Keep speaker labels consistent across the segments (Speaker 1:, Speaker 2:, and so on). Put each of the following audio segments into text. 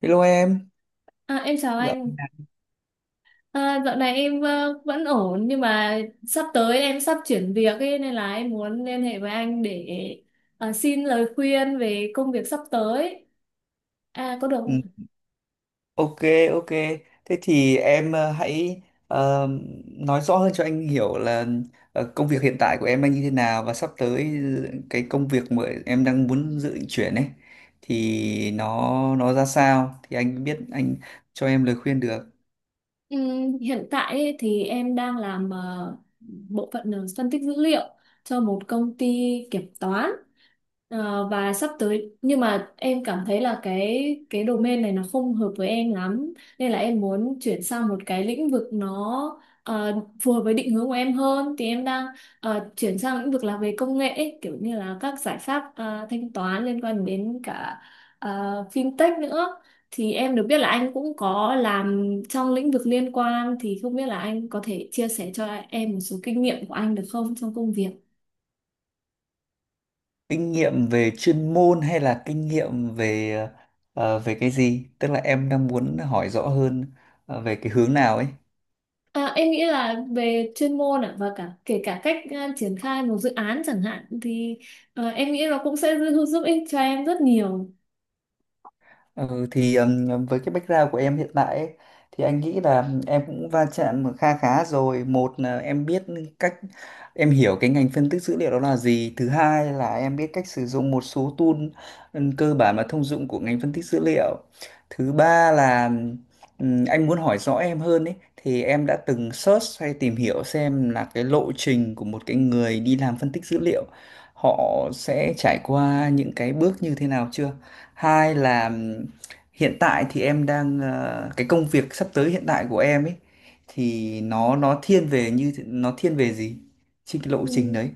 Speaker 1: Hello em.
Speaker 2: À, em chào
Speaker 1: Dạ.
Speaker 2: anh. À, dạo này em vẫn ổn nhưng mà sắp tới em sắp chuyển việc ấy, nên là em muốn liên hệ với anh để xin lời khuyên về công việc sắp tới. À, có được
Speaker 1: Ừ,
Speaker 2: không?
Speaker 1: ok, ok. Thế thì em hãy ờ, nói rõ hơn cho anh hiểu là công việc hiện tại của em đang như thế nào, và sắp tới cái công việc mà em đang muốn dự định chuyển ấy thì nó ra sao thì anh biết anh cho em lời khuyên được.
Speaker 2: Hiện tại ấy, thì em đang làm bộ phận phân tích dữ liệu cho một công ty kiểm toán. Ờ, và sắp tới nhưng mà em cảm thấy là cái domain này nó không hợp với em lắm, nên là em muốn chuyển sang một cái lĩnh vực nó phù hợp với định hướng của em hơn thì em đang chuyển sang lĩnh vực là về công nghệ ấy, kiểu như là các giải pháp thanh toán liên quan đến cả ờ, fintech nữa. Thì em được biết là anh cũng có làm trong lĩnh vực liên quan thì không biết là anh có thể chia sẻ cho em một số kinh nghiệm của anh được không trong công việc.
Speaker 1: Kinh nghiệm về chuyên môn hay là kinh nghiệm về về cái gì? Tức là em đang muốn hỏi rõ hơn về cái hướng nào ấy.
Speaker 2: À, em nghĩ là về chuyên môn ạ và cả kể cả cách à, triển khai một dự án chẳng hạn thì à, em nghĩ nó cũng sẽ giúp, giúp ích cho em rất nhiều.
Speaker 1: Ừ, thì với cái background của em hiện tại ấy, thì anh nghĩ là em cũng va chạm kha khá rồi. Một là em biết cách, em hiểu cái ngành phân tích dữ liệu đó là gì. Thứ hai là em biết cách sử dụng một số tool cơ bản và thông dụng của ngành phân tích dữ liệu. Thứ ba là anh muốn hỏi rõ em hơn ấy, thì em đã từng search hay tìm hiểu xem là cái lộ trình của một cái người đi làm phân tích dữ liệu họ sẽ trải qua những cái bước như thế nào chưa? Hai là hiện tại thì em đang cái công việc sắp tới hiện tại của em ấy thì nó thiên về, như nó thiên về gì trên cái lộ
Speaker 2: Ừ.
Speaker 1: trình đấy.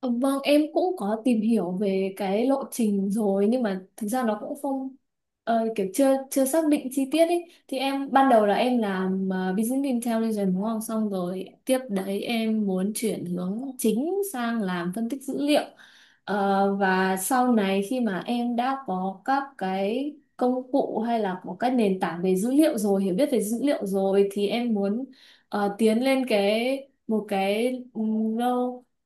Speaker 2: Ờ, vâng, em cũng có tìm hiểu về cái lộ trình rồi nhưng mà thực ra nó cũng không kiểu chưa chưa xác định chi tiết ấy. Thì em ban đầu là em làm business intelligence đúng không? Xong rồi tiếp đấy em muốn chuyển hướng chính sang làm phân tích dữ liệu. Ờ, và sau này khi mà em đã có các cái công cụ hay là có các nền tảng về dữ liệu rồi, hiểu biết về dữ liệu rồi thì em muốn tiến lên cái một cái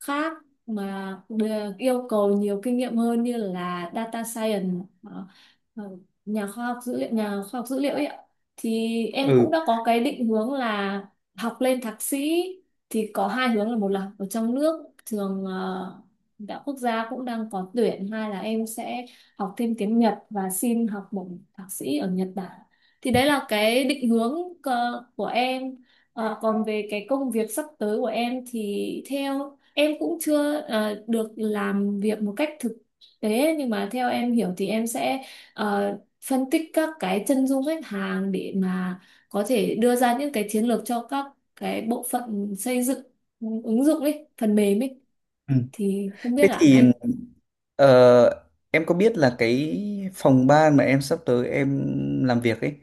Speaker 2: khác mà được yêu cầu nhiều kinh nghiệm hơn như là data science, ờ, ờ, nhà khoa học dữ liệu nhà khoa học dữ liệu ấy ạ. Thì em cũng
Speaker 1: Ừ,
Speaker 2: đã có cái định hướng là học lên thạc sĩ, thì có hai hướng là một là học ở trong nước trường đạo quốc gia cũng đang có tuyển, hai là em sẽ học thêm tiếng Nhật và xin học bổng thạc sĩ ở Nhật Bản. Thì đấy là cái định hướng của em. Ờ, còn về cái công việc sắp tới của em thì theo, em cũng chưa được làm việc một cách thực tế nhưng mà theo em hiểu thì em sẽ ờ, phân tích các cái chân dung khách hàng để mà có thể đưa ra những cái chiến lược cho các cái bộ phận xây dựng ứng dụng ấy, phần mềm ấy.
Speaker 1: ừ.
Speaker 2: Thì không biết
Speaker 1: Thế
Speaker 2: là
Speaker 1: thì
Speaker 2: anh,
Speaker 1: Ờ, em có biết là cái phòng ban mà em sắp tới em làm việc ấy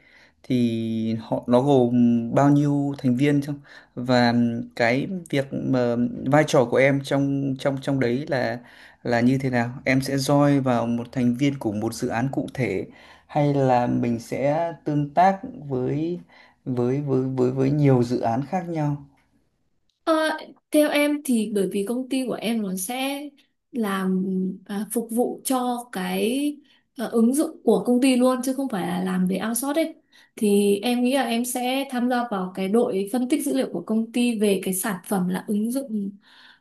Speaker 1: thì họ nó gồm bao nhiêu thành viên không? Và cái việc mà vai trò của em trong trong trong đấy là như thế nào? Em sẽ join vào một thành viên của một dự án cụ thể, hay là mình sẽ tương tác với với nhiều dự án khác nhau?
Speaker 2: ờ, theo em thì bởi vì công ty của em nó sẽ làm, à, phục vụ cho cái à, ứng dụng của công ty luôn chứ không phải là làm về outsource ấy. Thì em nghĩ là em sẽ tham gia vào cái đội phân tích dữ liệu của công ty về cái sản phẩm là ứng dụng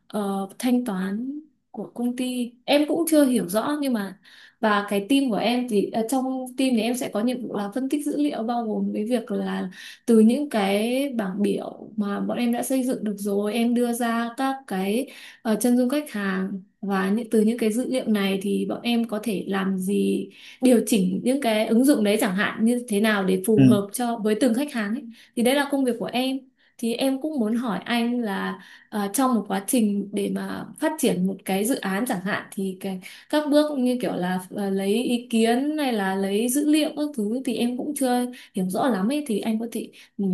Speaker 2: thanh toán của công ty, em cũng chưa hiểu rõ nhưng mà, và cái team của em thì trong team thì em sẽ có nhiệm vụ là phân tích dữ liệu bao gồm cái việc là từ những cái bảng biểu mà bọn em đã xây dựng được rồi em đưa ra các cái chân dung khách hàng và những từ những cái dữ liệu này thì bọn em có thể làm gì, điều chỉnh những cái ứng dụng đấy chẳng hạn như thế nào để phù
Speaker 1: Ừ.
Speaker 2: hợp cho với từng khách hàng ấy. Thì đấy là công việc của em. Thì em cũng muốn hỏi anh là trong một quá trình để mà phát triển một cái dự án chẳng hạn thì cái, các bước như kiểu là lấy ý kiến hay là lấy dữ liệu các thứ thì em cũng chưa hiểu rõ lắm ấy, thì anh có thể ừ,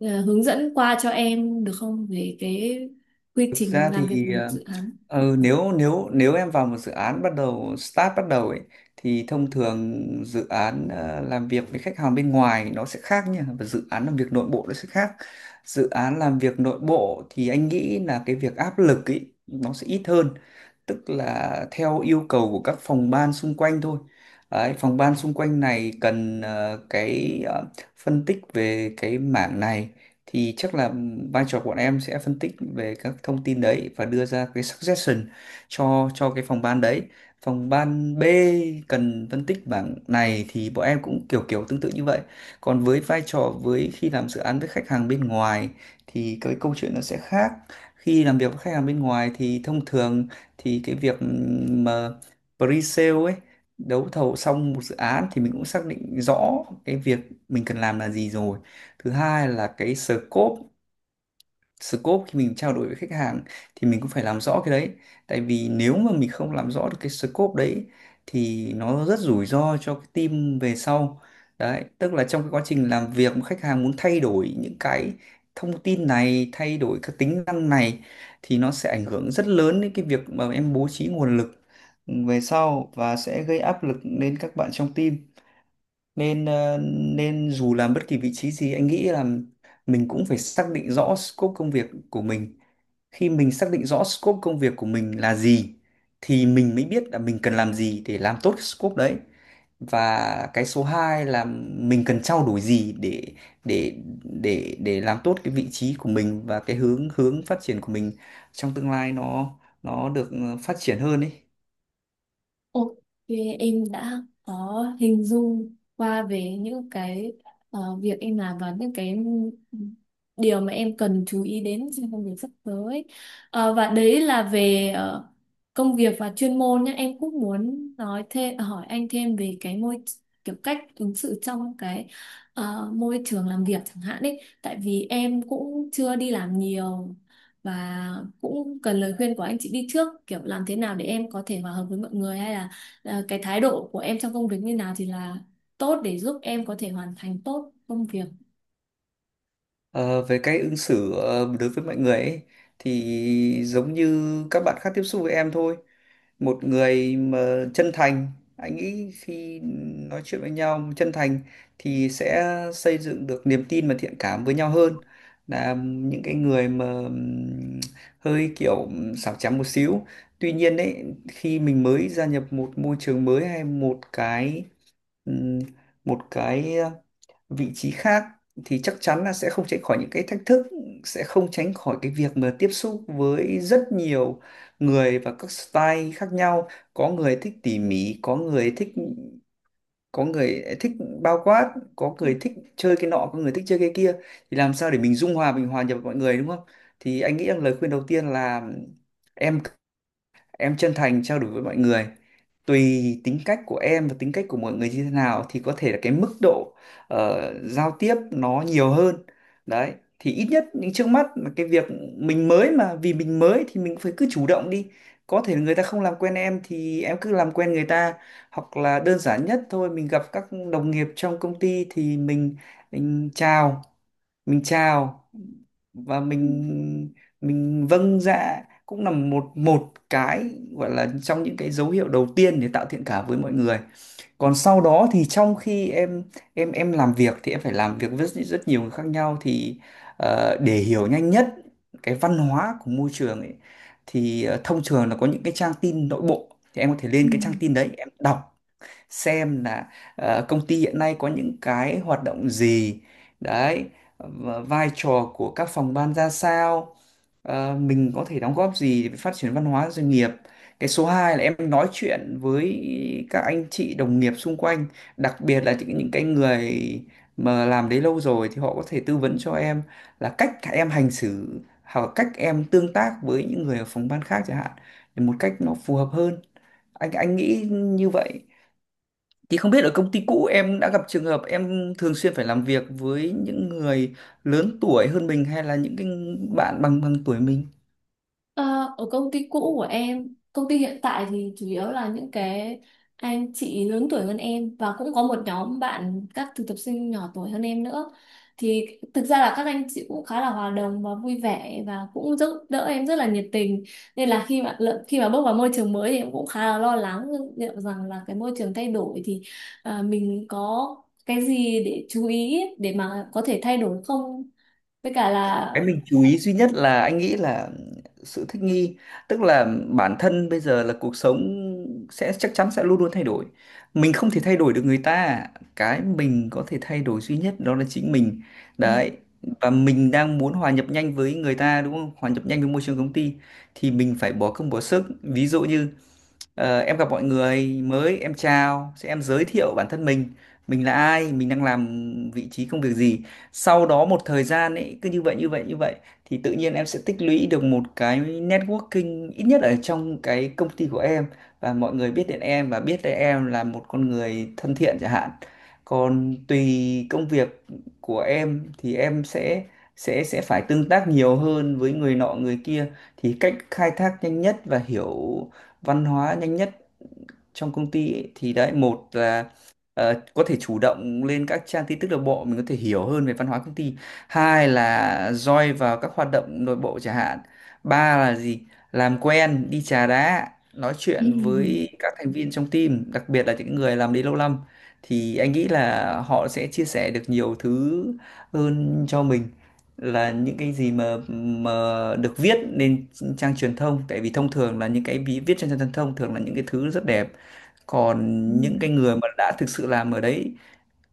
Speaker 2: hướng dẫn qua cho em được không về cái quy
Speaker 1: Thực
Speaker 2: trình
Speaker 1: ra
Speaker 2: làm việc
Speaker 1: thì
Speaker 2: dự án.
Speaker 1: Nếu nếu nếu em vào một dự án bắt đầu start bắt đầu ấy, thì thông thường dự án làm việc với khách hàng bên ngoài nó sẽ khác nha, và dự án làm việc nội bộ nó sẽ khác. Dự án làm việc nội bộ thì anh nghĩ là cái việc áp lực ấy nó sẽ ít hơn, tức là theo yêu cầu của các phòng ban xung quanh thôi. Đấy, phòng ban xung quanh này cần cái phân tích về cái mảng này, thì chắc là vai trò của bọn em sẽ phân tích về các thông tin đấy và đưa ra cái suggestion cho cái phòng ban đấy. Phòng ban B cần phân tích bảng này thì bọn em cũng kiểu kiểu tương tự như vậy. Còn với vai trò, với khi làm dự án với khách hàng bên ngoài thì cái câu chuyện nó sẽ khác. Khi làm việc với khách hàng bên ngoài thì thông thường thì cái việc mà pre-sale ấy, đấu thầu xong một dự án thì mình cũng xác định rõ cái việc mình cần làm là gì rồi. Thứ hai là cái scope scope khi mình trao đổi với khách hàng thì mình cũng phải làm rõ cái đấy, tại vì nếu mà mình không làm rõ được cái scope đấy thì nó rất rủi ro cho cái team về sau. Đấy, tức là trong cái quá trình làm việc mà khách hàng muốn thay đổi những cái thông tin này, thay đổi các tính năng này thì nó sẽ ảnh hưởng rất lớn đến cái việc mà em bố trí nguồn lực về sau, và sẽ gây áp lực lên các bạn trong team. Nên nên dù làm bất kỳ vị trí gì anh nghĩ là mình cũng phải xác định rõ scope công việc của mình. Khi mình xác định rõ scope công việc của mình là gì thì mình mới biết là mình cần làm gì để làm tốt cái scope đấy. Và cái số 2 là mình cần trao đổi gì để để làm tốt cái vị trí của mình, và cái hướng hướng phát triển của mình trong tương lai nó được phát triển hơn ấy.
Speaker 2: Ok, em đã có hình dung qua về những cái việc em làm và những cái điều mà em cần chú ý đến trong công việc sắp tới. Ờ, và đấy là về công việc và chuyên môn nhé. Em cũng muốn nói thêm hỏi anh thêm về cái môi, kiểu cách ứng xử trong cái môi trường làm việc chẳng hạn đấy. Tại vì em cũng chưa đi làm nhiều và cũng cần lời khuyên của anh chị đi trước kiểu làm thế nào để em có thể hòa hợp với mọi người hay là cái thái độ của em trong công việc như nào thì là tốt để giúp em có thể hoàn thành tốt công việc.
Speaker 1: Ờ, về cách ứng xử đối với mọi người ấy, thì giống như các bạn khác tiếp xúc với em thôi. Một người mà chân thành, anh nghĩ khi nói chuyện với nhau chân thành thì sẽ xây dựng được niềm tin và thiện cảm với nhau, hơn là những cái người mà hơi kiểu xảo trá một xíu. Tuy nhiên đấy, khi mình mới gia nhập một môi trường mới hay ừm, một cái vị trí khác thì chắc chắn là sẽ không tránh khỏi những cái thách thức, sẽ không tránh khỏi cái việc mà tiếp xúc với rất nhiều người và các style khác nhau. Có người thích tỉ mỉ, có người thích bao quát, có người thích chơi cái nọ, có người thích chơi cái kia, thì làm sao để mình dung hòa, mình hòa nhập với mọi người đúng không? Thì anh nghĩ rằng lời khuyên đầu tiên là em em chân thành trao đổi với mọi người, tùy tính cách của em và tính cách của mọi người như thế nào thì có thể là cái mức độ giao tiếp nó nhiều hơn. Đấy, thì ít nhất những trước mắt là cái việc mình mới mà, vì mình mới thì mình phải cứ chủ động đi, có thể người ta không làm quen em thì em cứ làm quen người ta, hoặc là đơn giản nhất thôi, mình gặp các đồng nghiệp trong công ty thì mình chào, mình chào và
Speaker 2: Ừ.
Speaker 1: mình vâng dạ cũng là một một cái gọi là trong những cái dấu hiệu đầu tiên để tạo thiện cảm với mọi người. Còn sau đó thì trong khi em làm việc thì em phải làm việc với rất nhiều người khác nhau, thì để hiểu nhanh nhất cái văn hóa của môi trường ấy, thì thông thường là có những cái trang tin nội bộ, thì em có thể
Speaker 2: Ừ.
Speaker 1: lên cái trang tin đấy em đọc xem là công ty hiện nay có những cái hoạt động gì đấy, và vai trò của các phòng ban ra sao, mình có thể đóng góp gì để phát triển văn hóa doanh nghiệp. Cái số 2 là em nói chuyện với các anh chị đồng nghiệp xung quanh, đặc biệt là những cái người mà làm đấy lâu rồi, thì họ có thể tư vấn cho em là cách em hành xử, hoặc là cách em tương tác với những người ở phòng ban khác chẳng hạn, để một cách nó phù hợp hơn. Anh anh nghĩ như vậy. Thì không biết ở công ty cũ em đã gặp trường hợp em thường xuyên phải làm việc với những người lớn tuổi hơn mình, hay là những cái bạn bằng bằng tuổi mình.
Speaker 2: Ờ, ở công ty cũ của em, công ty hiện tại thì chủ yếu là những cái anh chị lớn tuổi hơn em và cũng có một nhóm bạn các thực tập sinh nhỏ tuổi hơn em nữa. Thì thực ra là các anh chị cũng khá là hòa đồng và vui vẻ và cũng giúp đỡ em rất là nhiệt tình. Nên là khi mà lợ- khi mà bước vào môi trường mới thì em cũng khá là lo lắng liệu rằng là cái môi trường thay đổi thì à, mình có cái gì để chú ý để mà có thể thay đổi không? Với cả là
Speaker 1: Cái mình chú ý duy nhất là anh nghĩ là sự thích nghi, tức là bản thân bây giờ là cuộc sống sẽ, chắc chắn sẽ luôn luôn thay đổi. Mình không thể thay đổi được người ta, cái mình có thể thay đổi duy nhất đó là chính mình. Đấy. Và mình đang muốn hòa nhập nhanh với người ta đúng không? Hòa nhập nhanh với môi trường công ty thì mình phải bỏ công bỏ sức. Ví dụ như em gặp mọi người mới, em chào, sẽ em giới thiệu bản thân mình là ai, mình đang làm vị trí công việc gì. Sau đó một thời gian ấy cứ như vậy như vậy như vậy thì tự nhiên em sẽ tích lũy được một cái networking ít nhất ở trong cái công ty của em, và mọi người biết đến em và biết đến em là một con người thân thiện chẳng hạn. Còn tùy công việc của em thì em sẽ phải tương tác nhiều hơn với người nọ người kia, thì cách khai thác nhanh nhất và hiểu văn hóa nhanh nhất trong công ty ấy, thì đấy, một là có thể chủ động lên các trang tin tức nội bộ mình có thể hiểu hơn về văn hóa công ty, hai là join vào các hoạt động nội bộ chẳng hạn, ba là gì, làm quen đi trà đá nói
Speaker 2: Ừ.
Speaker 1: chuyện với các thành viên trong team, đặc biệt là những người làm đấy lâu năm thì anh nghĩ là họ sẽ chia sẻ được nhiều thứ hơn cho mình, là những cái gì mà được viết lên trang truyền thông, tại vì thông thường là những cái viết trên trang truyền thông thường là những cái thứ rất đẹp. Còn
Speaker 2: Ừ.
Speaker 1: những cái người mà đã thực sự làm ở đấy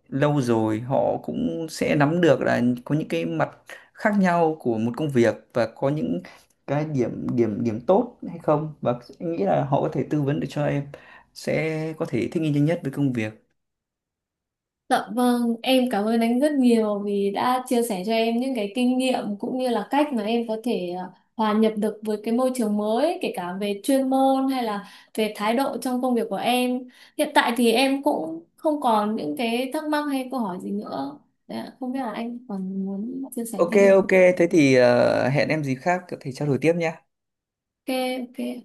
Speaker 1: lâu rồi họ cũng sẽ nắm được là có những cái mặt khác nhau của một công việc, và có những cái điểm điểm điểm tốt hay không, và anh nghĩ là họ có thể tư vấn được cho em, sẽ có thể thích nghi nhanh nhất với công việc.
Speaker 2: Dạ vâng, em cảm ơn anh rất nhiều vì đã chia sẻ cho em những cái kinh nghiệm cũng như là cách mà em có thể hòa nhập được với cái môi trường mới, kể cả về chuyên môn hay là về thái độ trong công việc của em. Hiện tại thì em cũng không còn những cái thắc mắc hay câu hỏi gì nữa. Đấy, ạ, không biết là anh còn muốn chia sẻ
Speaker 1: Ok,
Speaker 2: thêm gì.
Speaker 1: ok, thế thì hẹn em gì khác có thể trao đổi tiếp nhé.
Speaker 2: Ok, ok.